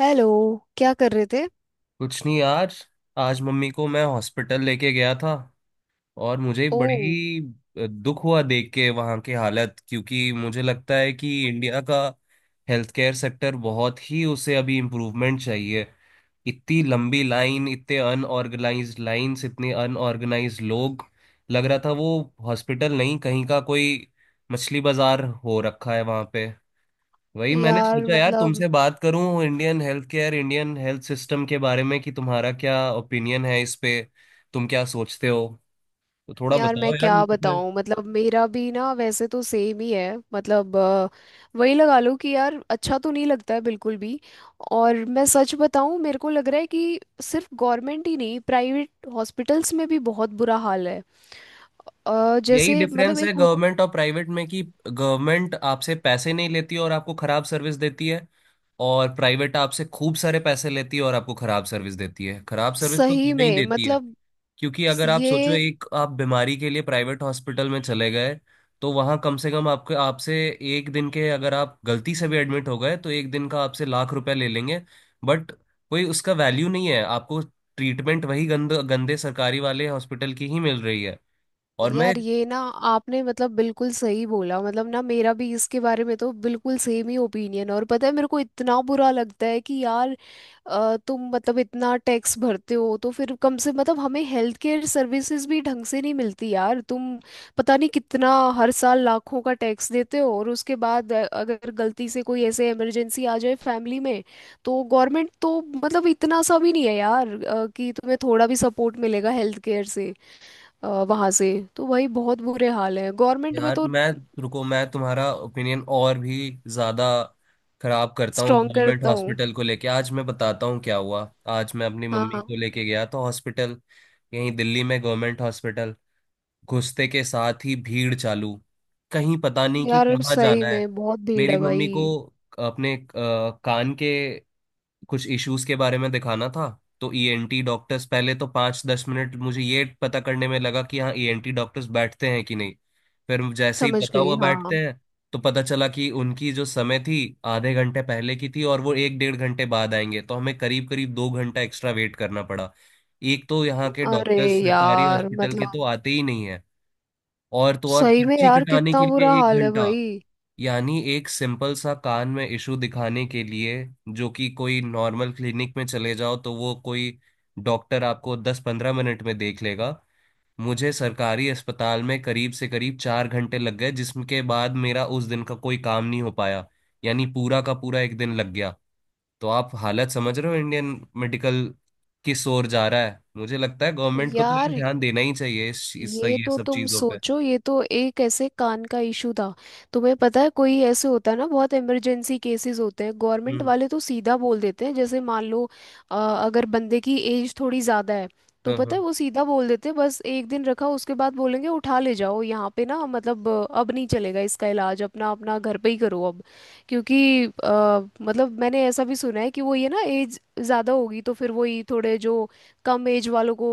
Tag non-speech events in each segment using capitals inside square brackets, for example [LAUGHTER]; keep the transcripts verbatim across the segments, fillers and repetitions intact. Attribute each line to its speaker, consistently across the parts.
Speaker 1: Hello. क्या कर रहे थे?
Speaker 2: कुछ नहीं यार। आज मम्मी को मैं हॉस्पिटल लेके गया था और मुझे
Speaker 1: ओ।
Speaker 2: बड़ी अ, दुख हुआ देख के वहाँ की हालत, क्योंकि मुझे लगता है कि इंडिया का हेल्थ केयर सेक्टर बहुत ही उसे अभी इम्प्रूवमेंट चाहिए। इतनी लंबी लाइन, इतने अनऑर्गेनाइज्ड लाइंस, इतने अनऑर्गेनाइज्ड लोग। लग रहा था वो हॉस्पिटल नहीं, कहीं का कोई मछली बाजार हो रखा है वहाँ पे। वही मैंने
Speaker 1: यार
Speaker 2: सोचा यार
Speaker 1: मतलब
Speaker 2: तुमसे बात करूं Indian health care, Indian health system के बारे में कि तुम्हारा क्या ओपिनियन है इस पे। तुम क्या सोचते हो? तो थोड़ा
Speaker 1: यार
Speaker 2: बताओ
Speaker 1: मैं
Speaker 2: यार
Speaker 1: क्या
Speaker 2: मुझे।
Speaker 1: बताऊं? मतलब मेरा भी ना वैसे तो सेम ही है। मतलब अ, वही लगा लो कि यार अच्छा तो नहीं लगता है बिल्कुल भी। और मैं सच बताऊं मेरे को लग रहा है कि सिर्फ गवर्नमेंट ही नहीं प्राइवेट हॉस्पिटल्स में भी बहुत बुरा हाल है। अ,
Speaker 2: यही
Speaker 1: जैसे मतलब
Speaker 2: डिफरेंस
Speaker 1: एक
Speaker 2: है
Speaker 1: हो-
Speaker 2: गवर्नमेंट और प्राइवेट में कि गवर्नमेंट आपसे पैसे नहीं लेती और आपको खराब सर्विस देती है, और प्राइवेट आपसे खूब सारे पैसे लेती है और आपको खराब सर्विस देती है। खराब सर्विस तो
Speaker 1: सही
Speaker 2: तुम्हें ही
Speaker 1: में
Speaker 2: देती है,
Speaker 1: मतलब
Speaker 2: क्योंकि अगर आप सोचो,
Speaker 1: ये।
Speaker 2: एक आप बीमारी के लिए प्राइवेट हॉस्पिटल में चले गए तो वहां कम से कम आपके आपसे एक दिन के, अगर आप गलती से भी एडमिट हो गए, तो एक दिन का आपसे लाख रुपए ले लेंगे। बट कोई उसका वैल्यू नहीं है, आपको ट्रीटमेंट वही गंद गंदे सरकारी वाले हॉस्पिटल की ही मिल रही है। और मैं
Speaker 1: यार ये ना आपने मतलब बिल्कुल सही बोला। मतलब ना मेरा भी इसके बारे में तो बिल्कुल सेम ही ओपिनियन। और पता है मेरे को इतना बुरा लगता है कि यार अ, तुम मतलब इतना टैक्स भरते हो तो फिर कम से मतलब हमें हेल्थ केयर सर्विसेज भी ढंग से नहीं मिलती यार। तुम पता नहीं कितना हर साल लाखों का टैक्स देते हो और उसके बाद अ, अगर गलती से कोई ऐसे इमरजेंसी आ जाए फैमिली में तो गवर्नमेंट तो मतलब इतना सा भी नहीं है यार अ, कि तुम्हें थोड़ा भी सपोर्ट मिलेगा हेल्थ केयर से, वहां से। तो वही बहुत बुरे हाल है गवर्नमेंट में
Speaker 2: यार
Speaker 1: तो।
Speaker 2: मैं रुको, मैं तुम्हारा ओपिनियन और भी ज्यादा खराब करता हूँ
Speaker 1: स्ट्रॉन्ग
Speaker 2: गवर्नमेंट
Speaker 1: करता हूँ।
Speaker 2: हॉस्पिटल को लेके, आज मैं बताता हूँ क्या हुआ। आज मैं अपनी मम्मी
Speaker 1: हाँ।
Speaker 2: को लेके गया तो हॉस्पिटल, यहीं दिल्ली में गवर्नमेंट हॉस्पिटल। घुसते के साथ ही भीड़ चालू, कहीं पता नहीं कि
Speaker 1: यार
Speaker 2: कहाँ
Speaker 1: सही
Speaker 2: जाना है।
Speaker 1: में बहुत भीड़
Speaker 2: मेरी
Speaker 1: है भाई।
Speaker 2: मम्मी को अपने अ, कान के कुछ इश्यूज के बारे में दिखाना था, तो ईएनटी डॉक्टर्स, पहले तो पाँच दस मिनट मुझे ये पता करने में लगा कि हाँ ईएनटी डॉक्टर्स बैठते हैं कि नहीं। फिर जैसे ही
Speaker 1: समझ
Speaker 2: पता
Speaker 1: गई।
Speaker 2: हुआ
Speaker 1: हाँ।
Speaker 2: बैठते हैं तो पता चला कि उनकी जो समय थी, आधे घंटे पहले की थी और वो एक डेढ़ घंटे बाद आएंगे, तो हमें करीब करीब दो घंटा एक्स्ट्रा वेट करना पड़ा। एक तो यहाँ के
Speaker 1: अरे।
Speaker 2: डॉक्टर्स सरकारी
Speaker 1: यार
Speaker 2: हॉस्पिटल के तो
Speaker 1: मतलब
Speaker 2: आते ही नहीं है, और तो और
Speaker 1: सही में
Speaker 2: पर्ची
Speaker 1: यार
Speaker 2: कटाने
Speaker 1: कितना
Speaker 2: के लिए
Speaker 1: बुरा
Speaker 2: एक
Speaker 1: हाल है
Speaker 2: घंटा।
Speaker 1: भाई।
Speaker 2: यानी एक सिंपल सा कान में इशू दिखाने के लिए, जो कि कोई नॉर्मल क्लिनिक में चले जाओ तो वो कोई डॉक्टर आपको दस पंद्रह मिनट में देख लेगा, मुझे सरकारी अस्पताल में करीब से करीब चार घंटे लग गए, जिसके बाद मेरा उस दिन का कोई काम नहीं हो पाया, यानी पूरा का पूरा एक दिन लग गया। तो आप हालत समझ रहे हो इंडियन मेडिकल किस ओर जा रहा है। मुझे लगता है गवर्नमेंट को तो यार
Speaker 1: यार
Speaker 2: ध्यान देना ही चाहिए इस, इस
Speaker 1: ये
Speaker 2: ये
Speaker 1: तो
Speaker 2: सब
Speaker 1: तुम
Speaker 2: चीजों पे।
Speaker 1: सोचो, ये तो एक ऐसे कान का इशू था। तुम्हें पता है कोई ऐसे होता है ना, बहुत इमरजेंसी केसेस होते हैं। गवर्नमेंट
Speaker 2: हम्म।
Speaker 1: वाले तो सीधा बोल देते हैं, जैसे मान लो अ, अगर बंदे की एज थोड़ी ज़्यादा है तो
Speaker 2: हाँ,
Speaker 1: पता है
Speaker 2: हाँ।
Speaker 1: वो सीधा बोल देते हैं बस एक दिन रखा उसके बाद बोलेंगे उठा ले जाओ, यहाँ पे ना मतलब अ, अब नहीं चलेगा इसका इलाज, अपना अपना घर पे ही करो अब। क्योंकि अ, मतलब मैंने ऐसा भी सुना है कि वो ये ना एज ज़्यादा होगी तो फिर वही थोड़े जो कम एज वालों को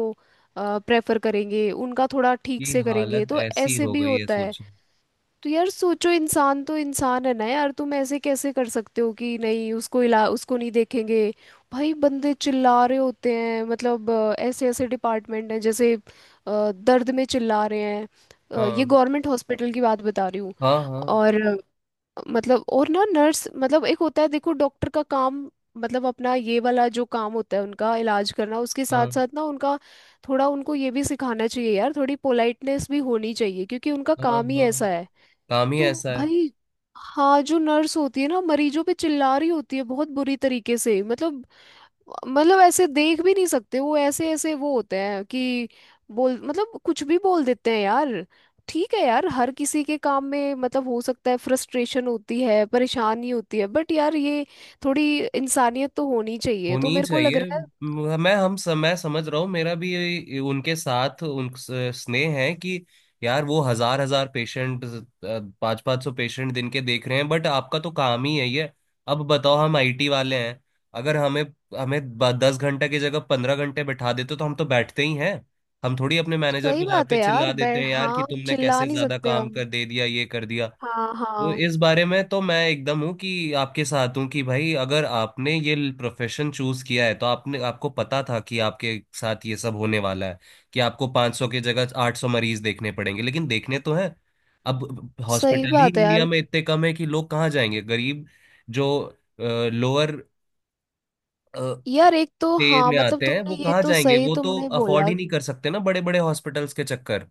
Speaker 1: प्रेफर करेंगे, उनका थोड़ा ठीक
Speaker 2: ये
Speaker 1: से करेंगे।
Speaker 2: हालत
Speaker 1: तो
Speaker 2: ऐसी
Speaker 1: ऐसे
Speaker 2: हो
Speaker 1: भी
Speaker 2: गई है
Speaker 1: होता है।
Speaker 2: सोच।
Speaker 1: तो यार सोचो इंसान तो इंसान है ना यार, तुम ऐसे कैसे कर सकते हो कि नहीं, उसको इला उसको नहीं देखेंगे। भाई बंदे चिल्ला रहे होते हैं मतलब अ, ऐसे ऐसे डिपार्टमेंट हैं जैसे अ, दर्द में चिल्ला रहे हैं। अ, ये
Speaker 2: हाँ,
Speaker 1: गवर्नमेंट हॉस्पिटल की बात बता रही हूँ।
Speaker 2: हाँ, हाँ।
Speaker 1: और मतलब और ना नर्स, मतलब एक होता है देखो डॉक्टर का काम, मतलब अपना ये वाला जो काम होता है उनका इलाज करना, उसके साथ
Speaker 2: हाँ,
Speaker 1: साथ ना उनका थोड़ा उनको ये भी सिखाना चाहिए यार। थोड़ी पोलाइटनेस भी होनी चाहिए क्योंकि उनका
Speaker 2: हाँ,
Speaker 1: काम ही
Speaker 2: हाँ।
Speaker 1: ऐसा है।
Speaker 2: काम ही
Speaker 1: तो
Speaker 2: ऐसा है।
Speaker 1: भाई हाँ, जो नर्स होती है ना मरीजों पे चिल्ला रही होती है बहुत बुरी तरीके से। मतलब मतलब ऐसे देख भी नहीं सकते, वो ऐसे ऐसे वो होते हैं कि बोल मतलब कुछ भी बोल देते हैं यार। ठीक है यार हर किसी के काम में मतलब हो सकता है फ्रस्ट्रेशन होती है, परेशानी होती है, बट यार ये थोड़ी इंसानियत तो होनी चाहिए।
Speaker 2: होनी
Speaker 1: तो
Speaker 2: ही
Speaker 1: मेरे को लग
Speaker 2: चाहिए।
Speaker 1: रहा है
Speaker 2: म- मैं हम सम, मैं समझ रहा हूँ। मेरा भी ये- उनके साथ उन स्नेह है कि यार वो हजार हजार पेशेंट, पाँच पाँच सौ पेशेंट दिन के देख रहे हैं, बट आपका तो काम ही है ये। अब बताओ, हम आईटी वाले हैं, अगर हमें हमें ब- दस घंटे की जगह पंद्रह घंटे बैठा देते तो हम तो बैठते ही हैं। हम थोड़ी अपने मैनेजर
Speaker 1: सही
Speaker 2: को जहाँ
Speaker 1: बात
Speaker 2: पे
Speaker 1: है
Speaker 2: चिल्ला
Speaker 1: यार। बै
Speaker 2: देते हैं यार कि
Speaker 1: हाँ,
Speaker 2: तुमने
Speaker 1: चिल्ला
Speaker 2: कैसे
Speaker 1: नहीं
Speaker 2: ज्यादा
Speaker 1: सकते
Speaker 2: काम
Speaker 1: हम।
Speaker 2: कर दे दिया ये कर दिया।
Speaker 1: हाँ
Speaker 2: तो
Speaker 1: हाँ।
Speaker 2: इस बारे में तो मैं एकदम हूँ कि आपके साथ हूँ कि भाई, अगर आपने ये प्रोफेशन चूज किया है तो आपने आपको पता था कि आपके साथ ये सब होने वाला है, कि आपको पाँच सौ की जगह आठ सौ मरीज देखने पड़ेंगे, लेकिन देखने तो हैं। अब
Speaker 1: सही
Speaker 2: हॉस्पिटल ही
Speaker 1: बात है
Speaker 2: इंडिया
Speaker 1: यार।
Speaker 2: में इतने कम है कि लोग कहाँ जाएंगे, गरीब जो लोअर
Speaker 1: यार एक तो
Speaker 2: पे
Speaker 1: हाँ
Speaker 2: में
Speaker 1: मतलब
Speaker 2: आते हैं वो
Speaker 1: तुमने ये
Speaker 2: कहाँ
Speaker 1: तो
Speaker 2: जाएंगे,
Speaker 1: सही
Speaker 2: वो तो
Speaker 1: तुमने
Speaker 2: अफोर्ड
Speaker 1: बोला।
Speaker 2: ही नहीं कर सकते ना बड़े बड़े हॉस्पिटल्स के चक्कर।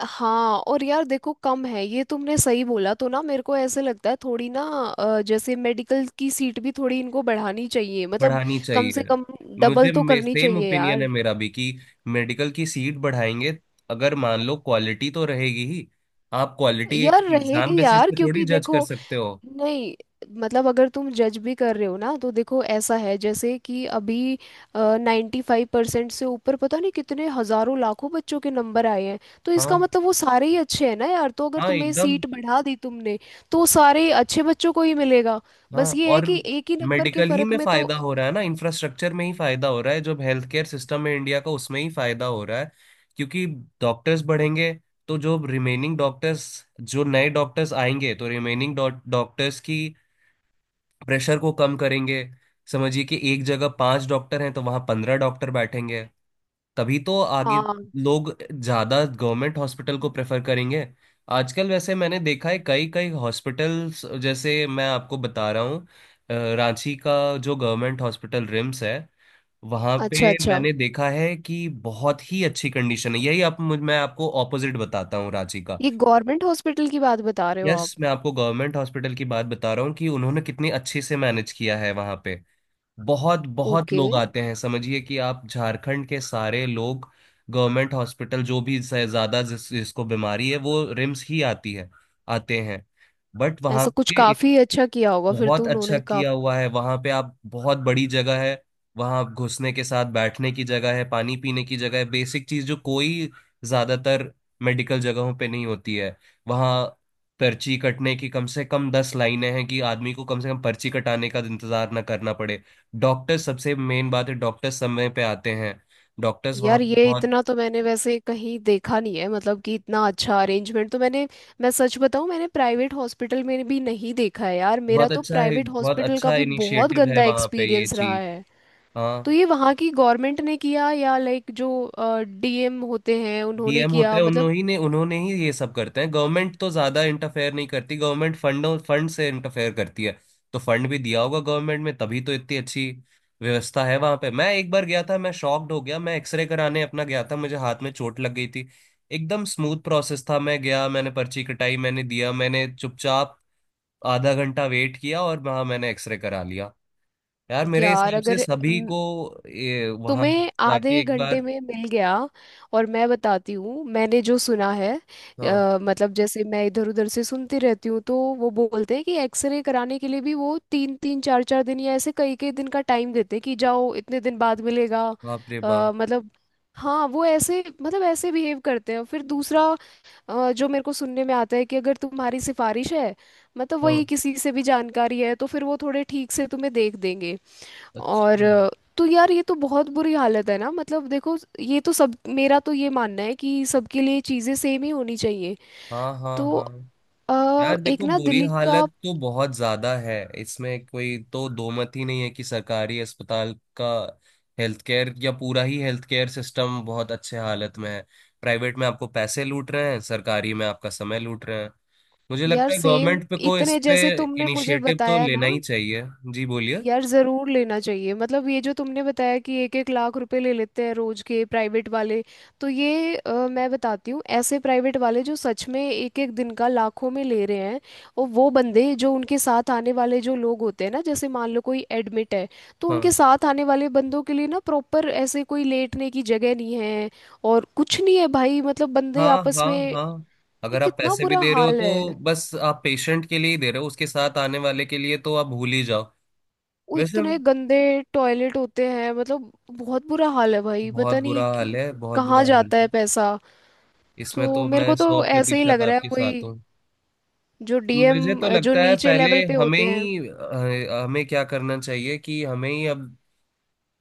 Speaker 1: हाँ। और यार देखो कम है ये तुमने सही बोला। तो ना मेरे को ऐसे लगता है थोड़ी ना अ, जैसे मेडिकल की सीट भी थोड़ी इनको बढ़ानी चाहिए मतलब,
Speaker 2: बढ़ानी
Speaker 1: कम से
Speaker 2: चाहिए।
Speaker 1: कम डबल
Speaker 2: मुझे
Speaker 1: तो
Speaker 2: मे,
Speaker 1: करनी
Speaker 2: सेम
Speaker 1: चाहिए
Speaker 2: ओपिनियन है
Speaker 1: यार।
Speaker 2: मेरा भी कि मेडिकल की सीट बढ़ाएंगे अगर, मान लो, क्वालिटी तो रहेगी ही। आप क्वालिटी एक
Speaker 1: यार
Speaker 2: एग्जाम
Speaker 1: रहेगी
Speaker 2: बेसिस
Speaker 1: यार
Speaker 2: पे थोड़ी
Speaker 1: क्योंकि
Speaker 2: जज कर
Speaker 1: देखो।
Speaker 2: सकते हो।
Speaker 1: नहीं। मतलब अगर तुम जज भी कर रहे हो ना तो देखो ऐसा है जैसे कि अभी नाइन्टी फाइव परसेंट से ऊपर पता नहीं कितने हजारों लाखों बच्चों के नंबर आए हैं। तो इसका
Speaker 2: हाँ,
Speaker 1: मतलब वो सारे ही अच्छे हैं ना यार। तो अगर
Speaker 2: हाँ
Speaker 1: तुम्हें
Speaker 2: एकदम।
Speaker 1: सीट बढ़ा दी तुमने तो वो सारे अच्छे बच्चों को ही मिलेगा।
Speaker 2: हाँ
Speaker 1: बस ये है
Speaker 2: और
Speaker 1: कि एक ही नंबर के
Speaker 2: मेडिकल ही
Speaker 1: फर्क
Speaker 2: में
Speaker 1: में तो।
Speaker 2: फायदा हो रहा है ना, इंफ्रास्ट्रक्चर में ही फायदा हो रहा है, जो हेल्थ केयर सिस्टम है इंडिया का उसमें ही फायदा हो रहा है, क्योंकि डॉक्टर्स बढ़ेंगे तो जो रिमेनिंग डॉक्टर्स, जो नए डॉक्टर्स आएंगे तो रिमेनिंग डॉक्टर्स की प्रेशर को कम करेंगे। समझिए कि एक जगह पांच डॉक्टर हैं तो वहां पंद्रह डॉक्टर बैठेंगे, तभी तो आगे
Speaker 1: हाँ।
Speaker 2: लोग ज्यादा गवर्नमेंट हॉस्पिटल को प्रेफर करेंगे। आजकल वैसे मैंने देखा है कई कई हॉस्पिटल्स, जैसे मैं आपको बता रहा हूँ अ, रांची का जो गवर्नमेंट हॉस्पिटल रिम्स है, वहां पे
Speaker 1: अच्छा अच्छा,
Speaker 2: मैंने देखा है कि बहुत ही अच्छी कंडीशन है। यही आप मुझ- मैं आपको ऑपोजिट बताता हूँ रांची का।
Speaker 1: ये गवर्नमेंट हॉस्पिटल की बात बता रहे हो आप?
Speaker 2: यस, मैं आपको गवर्नमेंट हॉस्पिटल की बात बता रहा हूँ कि उन्होंने कितनी अच्छे से मैनेज किया है वहां पे। बहुत बहुत
Speaker 1: ओके।
Speaker 2: लोग आते हैं, समझिए कि आप झारखंड के सारे लोग गवर्नमेंट हॉस्पिटल जो भी स- ज्यादा जिस, जिसको बीमारी है वो रिम्स ही आती है, आते हैं। बट वहां
Speaker 1: ऐसा कुछ
Speaker 2: पे
Speaker 1: काफी अच्छा किया होगा फिर तो
Speaker 2: बहुत अच्छा
Speaker 1: उन्होंने।
Speaker 2: किया हुआ है वहां पे, आप, बहुत बड़ी जगह है। वहां आप घुसने के साथ बैठने की जगह है, पानी पीने की जगह है, बेसिक चीज जो कोई ज्यादातर मेडिकल जगहों पे नहीं होती है। वहां पर्ची कटने की कम से कम दस लाइनें हैं कि आदमी को कम से कम पर्ची कटाने का इंतजार ना करना पड़े। डॉक्टर सबसे मेन बात है, डॉक्टर समय पे आते हैं। डॉक्टर्स वहां
Speaker 1: यार
Speaker 2: पे
Speaker 1: ये
Speaker 2: बहुत
Speaker 1: इतना तो मैंने वैसे कहीं देखा नहीं है मतलब, कि इतना अच्छा अरेंजमेंट तो मैंने, मैं सच बताऊं मैंने प्राइवेट हॉस्पिटल में भी नहीं देखा है यार। मेरा
Speaker 2: बहुत
Speaker 1: तो
Speaker 2: अच्छा है,
Speaker 1: प्राइवेट
Speaker 2: बहुत
Speaker 1: हॉस्पिटल का
Speaker 2: अच्छा
Speaker 1: भी बहुत
Speaker 2: इनिशिएटिव है
Speaker 1: गंदा
Speaker 2: वहां पे ये
Speaker 1: एक्सपीरियंस रहा
Speaker 2: चीज।
Speaker 1: है। तो
Speaker 2: हाँ,
Speaker 1: ये वहाँ की गवर्नमेंट ने किया या लाइक जो डी एम होते हैं उन्होंने
Speaker 2: डीएम होते
Speaker 1: किया
Speaker 2: हैं,
Speaker 1: मतलब?
Speaker 2: उन्होंने ही ने उन्होंने ही ये सब करते हैं। गवर्नमेंट तो ज्यादा इंटरफेयर नहीं करती, गवर्नमेंट फंडों फंड से इंटरफेयर करती है, तो फंड भी दिया होगा गवर्नमेंट में तभी तो इतनी अच्छी व्यवस्था है वहां पे। मैं एक बार गया था, मैं शॉक्ड हो गया। मैं एक्सरे कराने अपना गया था, मुझे हाथ में चोट लग गई थी। एकदम स्मूथ प्रोसेस था, मैं गया, मैंने पर्ची कटाई, मैंने दिया, मैंने चुपचाप आधा घंटा वेट किया और वहां मैंने एक्सरे करा लिया। यार मेरे
Speaker 1: यार
Speaker 2: हिसाब से
Speaker 1: अगर
Speaker 2: सभी को ये वहां
Speaker 1: तुम्हें
Speaker 2: जाके
Speaker 1: आधे
Speaker 2: एक
Speaker 1: घंटे
Speaker 2: बार।
Speaker 1: में मिल गया। और मैं बताती हूँ मैंने जो सुना है,
Speaker 2: हाँ।
Speaker 1: अ, मतलब जैसे मैं इधर उधर से सुनती रहती हूँ तो वो बोलते हैं कि एक्सरे कराने के लिए भी वो तीन तीन चार चार दिन या ऐसे कई कई दिन का टाइम देते हैं कि जाओ इतने दिन बाद मिलेगा।
Speaker 2: बाप रे
Speaker 1: अ,
Speaker 2: बाप।
Speaker 1: मतलब हाँ वो ऐसे मतलब ऐसे बिहेव करते हैं। फिर दूसरा अ, जो मेरे को सुनने में आता है कि अगर तुम्हारी सिफारिश है मतलब वही
Speaker 2: हाँ।
Speaker 1: किसी से भी जानकारी है तो फिर वो थोड़े ठीक से तुम्हें देख देंगे। और
Speaker 2: अच्छा।
Speaker 1: अ, तो यार ये तो बहुत बुरी हालत है ना। मतलब देखो ये तो सब, मेरा तो ये मानना है कि सबके लिए चीज़ें सेम ही होनी चाहिए।
Speaker 2: हाँ, हाँ,
Speaker 1: तो
Speaker 2: हाँ।
Speaker 1: अ,
Speaker 2: यार
Speaker 1: एक
Speaker 2: देखो
Speaker 1: ना
Speaker 2: बुरी
Speaker 1: दिल्ली
Speaker 2: हालत
Speaker 1: का,
Speaker 2: तो बहुत ज्यादा है, इसमें कोई तो दो मत ही नहीं है कि सरकारी अस्पताल का हेल्थ केयर या पूरा ही हेल्थ केयर सिस्टम बहुत अच्छे हालत में है। प्राइवेट में आपको पैसे लूट रहे हैं, सरकारी में आपका समय लूट रहे हैं। मुझे
Speaker 1: यार
Speaker 2: लगता है
Speaker 1: सेम।
Speaker 2: गवर्नमेंट पे को इस
Speaker 1: इतने
Speaker 2: पे
Speaker 1: जैसे तुमने मुझे
Speaker 2: इनिशिएटिव तो
Speaker 1: बताया
Speaker 2: लेना
Speaker 1: ना
Speaker 2: ही चाहिए। जी, बोलिए।
Speaker 1: यार, ज़रूर लेना चाहिए मतलब। ये जो तुमने बताया कि एक एक लाख रुपए ले लेते हैं रोज के प्राइवेट वाले, तो ये अ, मैं बताती हूँ ऐसे प्राइवेट वाले जो सच में एक एक दिन का लाखों में ले रहे हैं। और वो बंदे जो उनके साथ आने वाले जो लोग होते हैं ना, जैसे मान लो कोई एडमिट है तो
Speaker 2: हाँ,
Speaker 1: उनके साथ आने वाले बंदों के लिए ना प्रॉपर ऐसे कोई लेटने की जगह नहीं है। और कुछ नहीं है भाई मतलब बंदे
Speaker 2: हाँ,
Speaker 1: आपस
Speaker 2: हाँ,
Speaker 1: में। ये
Speaker 2: हाँ। अगर आप
Speaker 1: कितना
Speaker 2: पैसे भी
Speaker 1: बुरा
Speaker 2: दे रहे हो
Speaker 1: हाल है।
Speaker 2: तो बस आप पेशेंट के लिए ही दे रहे हो, उसके साथ आने वाले के लिए तो आप भूल ही जाओ।
Speaker 1: वो
Speaker 2: वैसे
Speaker 1: इतने गंदे टॉयलेट होते हैं मतलब बहुत बुरा हाल है भाई,
Speaker 2: बहुत
Speaker 1: पता नहीं
Speaker 2: बुरा हाल है,
Speaker 1: कि-
Speaker 2: बहुत
Speaker 1: कहाँ
Speaker 2: बुरा हाल
Speaker 1: जाता है
Speaker 2: है।
Speaker 1: पैसा।
Speaker 2: इसमें
Speaker 1: तो
Speaker 2: तो
Speaker 1: मेरे
Speaker 2: मैं
Speaker 1: को
Speaker 2: सौ
Speaker 1: तो ऐसे ही लग
Speaker 2: प्रतिशत
Speaker 1: रहा है
Speaker 2: आपके
Speaker 1: कोई
Speaker 2: साथ हूँ।
Speaker 1: जो
Speaker 2: मुझे
Speaker 1: डी एम,
Speaker 2: तो
Speaker 1: जो
Speaker 2: लगता है
Speaker 1: नीचे
Speaker 2: पहले
Speaker 1: लेवल पे
Speaker 2: हमें
Speaker 1: होते हैं।
Speaker 2: ही अ, हमें क्या करना चाहिए कि हमें ही अब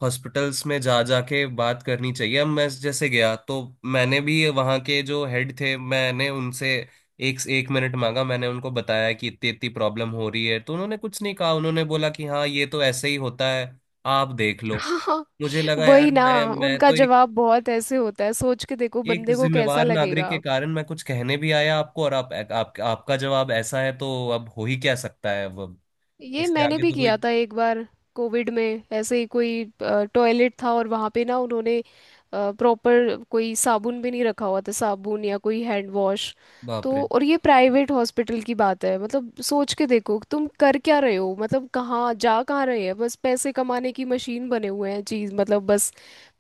Speaker 2: हॉस्पिटल्स में जा जाके बात करनी चाहिए। अब मैं जैसे गया तो मैंने भी वहाँ के जो हेड थे, मैंने उनसे एक एक मिनट मांगा। मैंने उनको बताया कि इतनी इतनी प्रॉब्लम हो रही है तो उन्होंने कुछ नहीं कहा, उन्होंने बोला कि हाँ ये तो ऐसे ही होता है, आप देख
Speaker 1: [LAUGHS]
Speaker 2: लो।
Speaker 1: हाँ
Speaker 2: मुझे लगा यार
Speaker 1: वही ना।
Speaker 2: मैं मैं
Speaker 1: उनका
Speaker 2: तो एक
Speaker 1: जवाब बहुत ऐसे होता है, सोच के देखो
Speaker 2: एक
Speaker 1: बंदे को कैसा
Speaker 2: जिम्मेवार नागरिक
Speaker 1: लगेगा।
Speaker 2: के कारण मैं कुछ कहने भी आया आपको, और आप, आप आपका जवाब ऐसा है तो अब हो ही क्या सकता है, अब
Speaker 1: ये
Speaker 2: इसके
Speaker 1: मैंने
Speaker 2: आगे
Speaker 1: भी
Speaker 2: तो कोई।
Speaker 1: किया था एक बार कोविड में, ऐसे ही कोई टॉयलेट था और वहाँ पे ना उन्होंने प्रॉपर कोई साबुन भी नहीं रखा हुआ था, साबुन या कोई हैंड वॉश।
Speaker 2: बाप रे।
Speaker 1: तो और ये प्राइवेट हॉस्पिटल की बात है मतलब, सोच के देखो तुम कर क्या रहे हो, मतलब कहाँ जा कहाँ रहे हैं बस पैसे कमाने की मशीन बने हुए हैं चीज, मतलब बस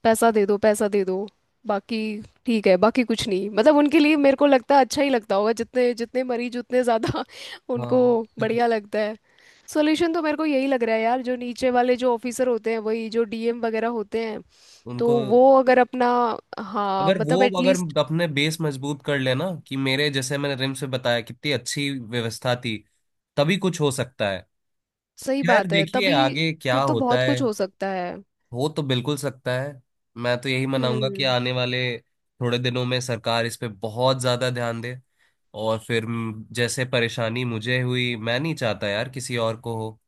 Speaker 1: पैसा दे दो पैसा दे दो। बाकी ठीक है, बाकी कुछ नहीं। मतलब उनके लिए मेरे को लगता है अच्छा ही लगता होगा, जितने जितने मरीज उतने ज़्यादा [LAUGHS] उनको
Speaker 2: हाँ। [LAUGHS]
Speaker 1: बढ़िया लगता है। सोल्यूशन तो मेरे को यही लग रहा है यार, जो नीचे वाले जो ऑफिसर होते हैं वही जो डी एम वगैरह होते हैं, तो
Speaker 2: उनको,
Speaker 1: वो अगर अपना, हाँ
Speaker 2: अगर
Speaker 1: मतलब
Speaker 2: वो अगर
Speaker 1: एटलीस्ट।
Speaker 2: अपने बेस मजबूत कर लेना, कि मेरे जैसे मैंने रिम्स से बताया कितनी अच्छी व्यवस्था थी, तभी कुछ हो सकता है।
Speaker 1: सही
Speaker 2: खैर
Speaker 1: बात है,
Speaker 2: देखिए
Speaker 1: तभी
Speaker 2: आगे क्या
Speaker 1: फिर तो
Speaker 2: होता
Speaker 1: बहुत
Speaker 2: है,
Speaker 1: कुछ हो सकता है।
Speaker 2: हो तो बिल्कुल सकता है। मैं तो यही मनाऊंगा कि
Speaker 1: हम्म।
Speaker 2: आने वाले थोड़े दिनों में सरकार इस पे बहुत ज्यादा ध्यान दे, और फिर म- जैसे परेशानी मुझे हुई मैं नहीं चाहता यार किसी और को हो।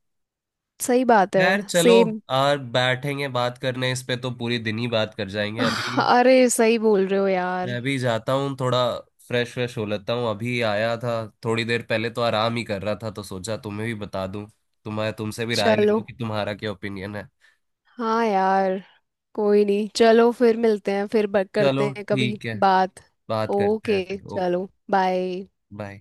Speaker 1: सही बात है।
Speaker 2: खैर चलो,
Speaker 1: सेम।
Speaker 2: यार बैठेंगे बात करने इस पे तो पूरी दिन ही बात कर जाएंगे अभी।
Speaker 1: अरे सही बोल रहे हो यार।
Speaker 2: मैं भी जाता हूँ थोड़ा, फ्रेश फ्रेश हो लेता हूँ, अभी आया था थोड़ी देर पहले तो आराम ही कर रहा था तो सोचा तुम्हें भी बता दूं, तुम्हारे तुमसे भी राय ले
Speaker 1: चलो।
Speaker 2: लूं कि तुम्हारा क्या ओपिनियन है।
Speaker 1: हाँ यार। कोई नहीं, चलो फिर मिलते हैं, फिर बक करते
Speaker 2: चलो
Speaker 1: हैं कभी
Speaker 2: ठीक है,
Speaker 1: बात।
Speaker 2: बात करते हैं
Speaker 1: ओके।
Speaker 2: फिर। ओके।
Speaker 1: चलो बाय।
Speaker 2: बाय।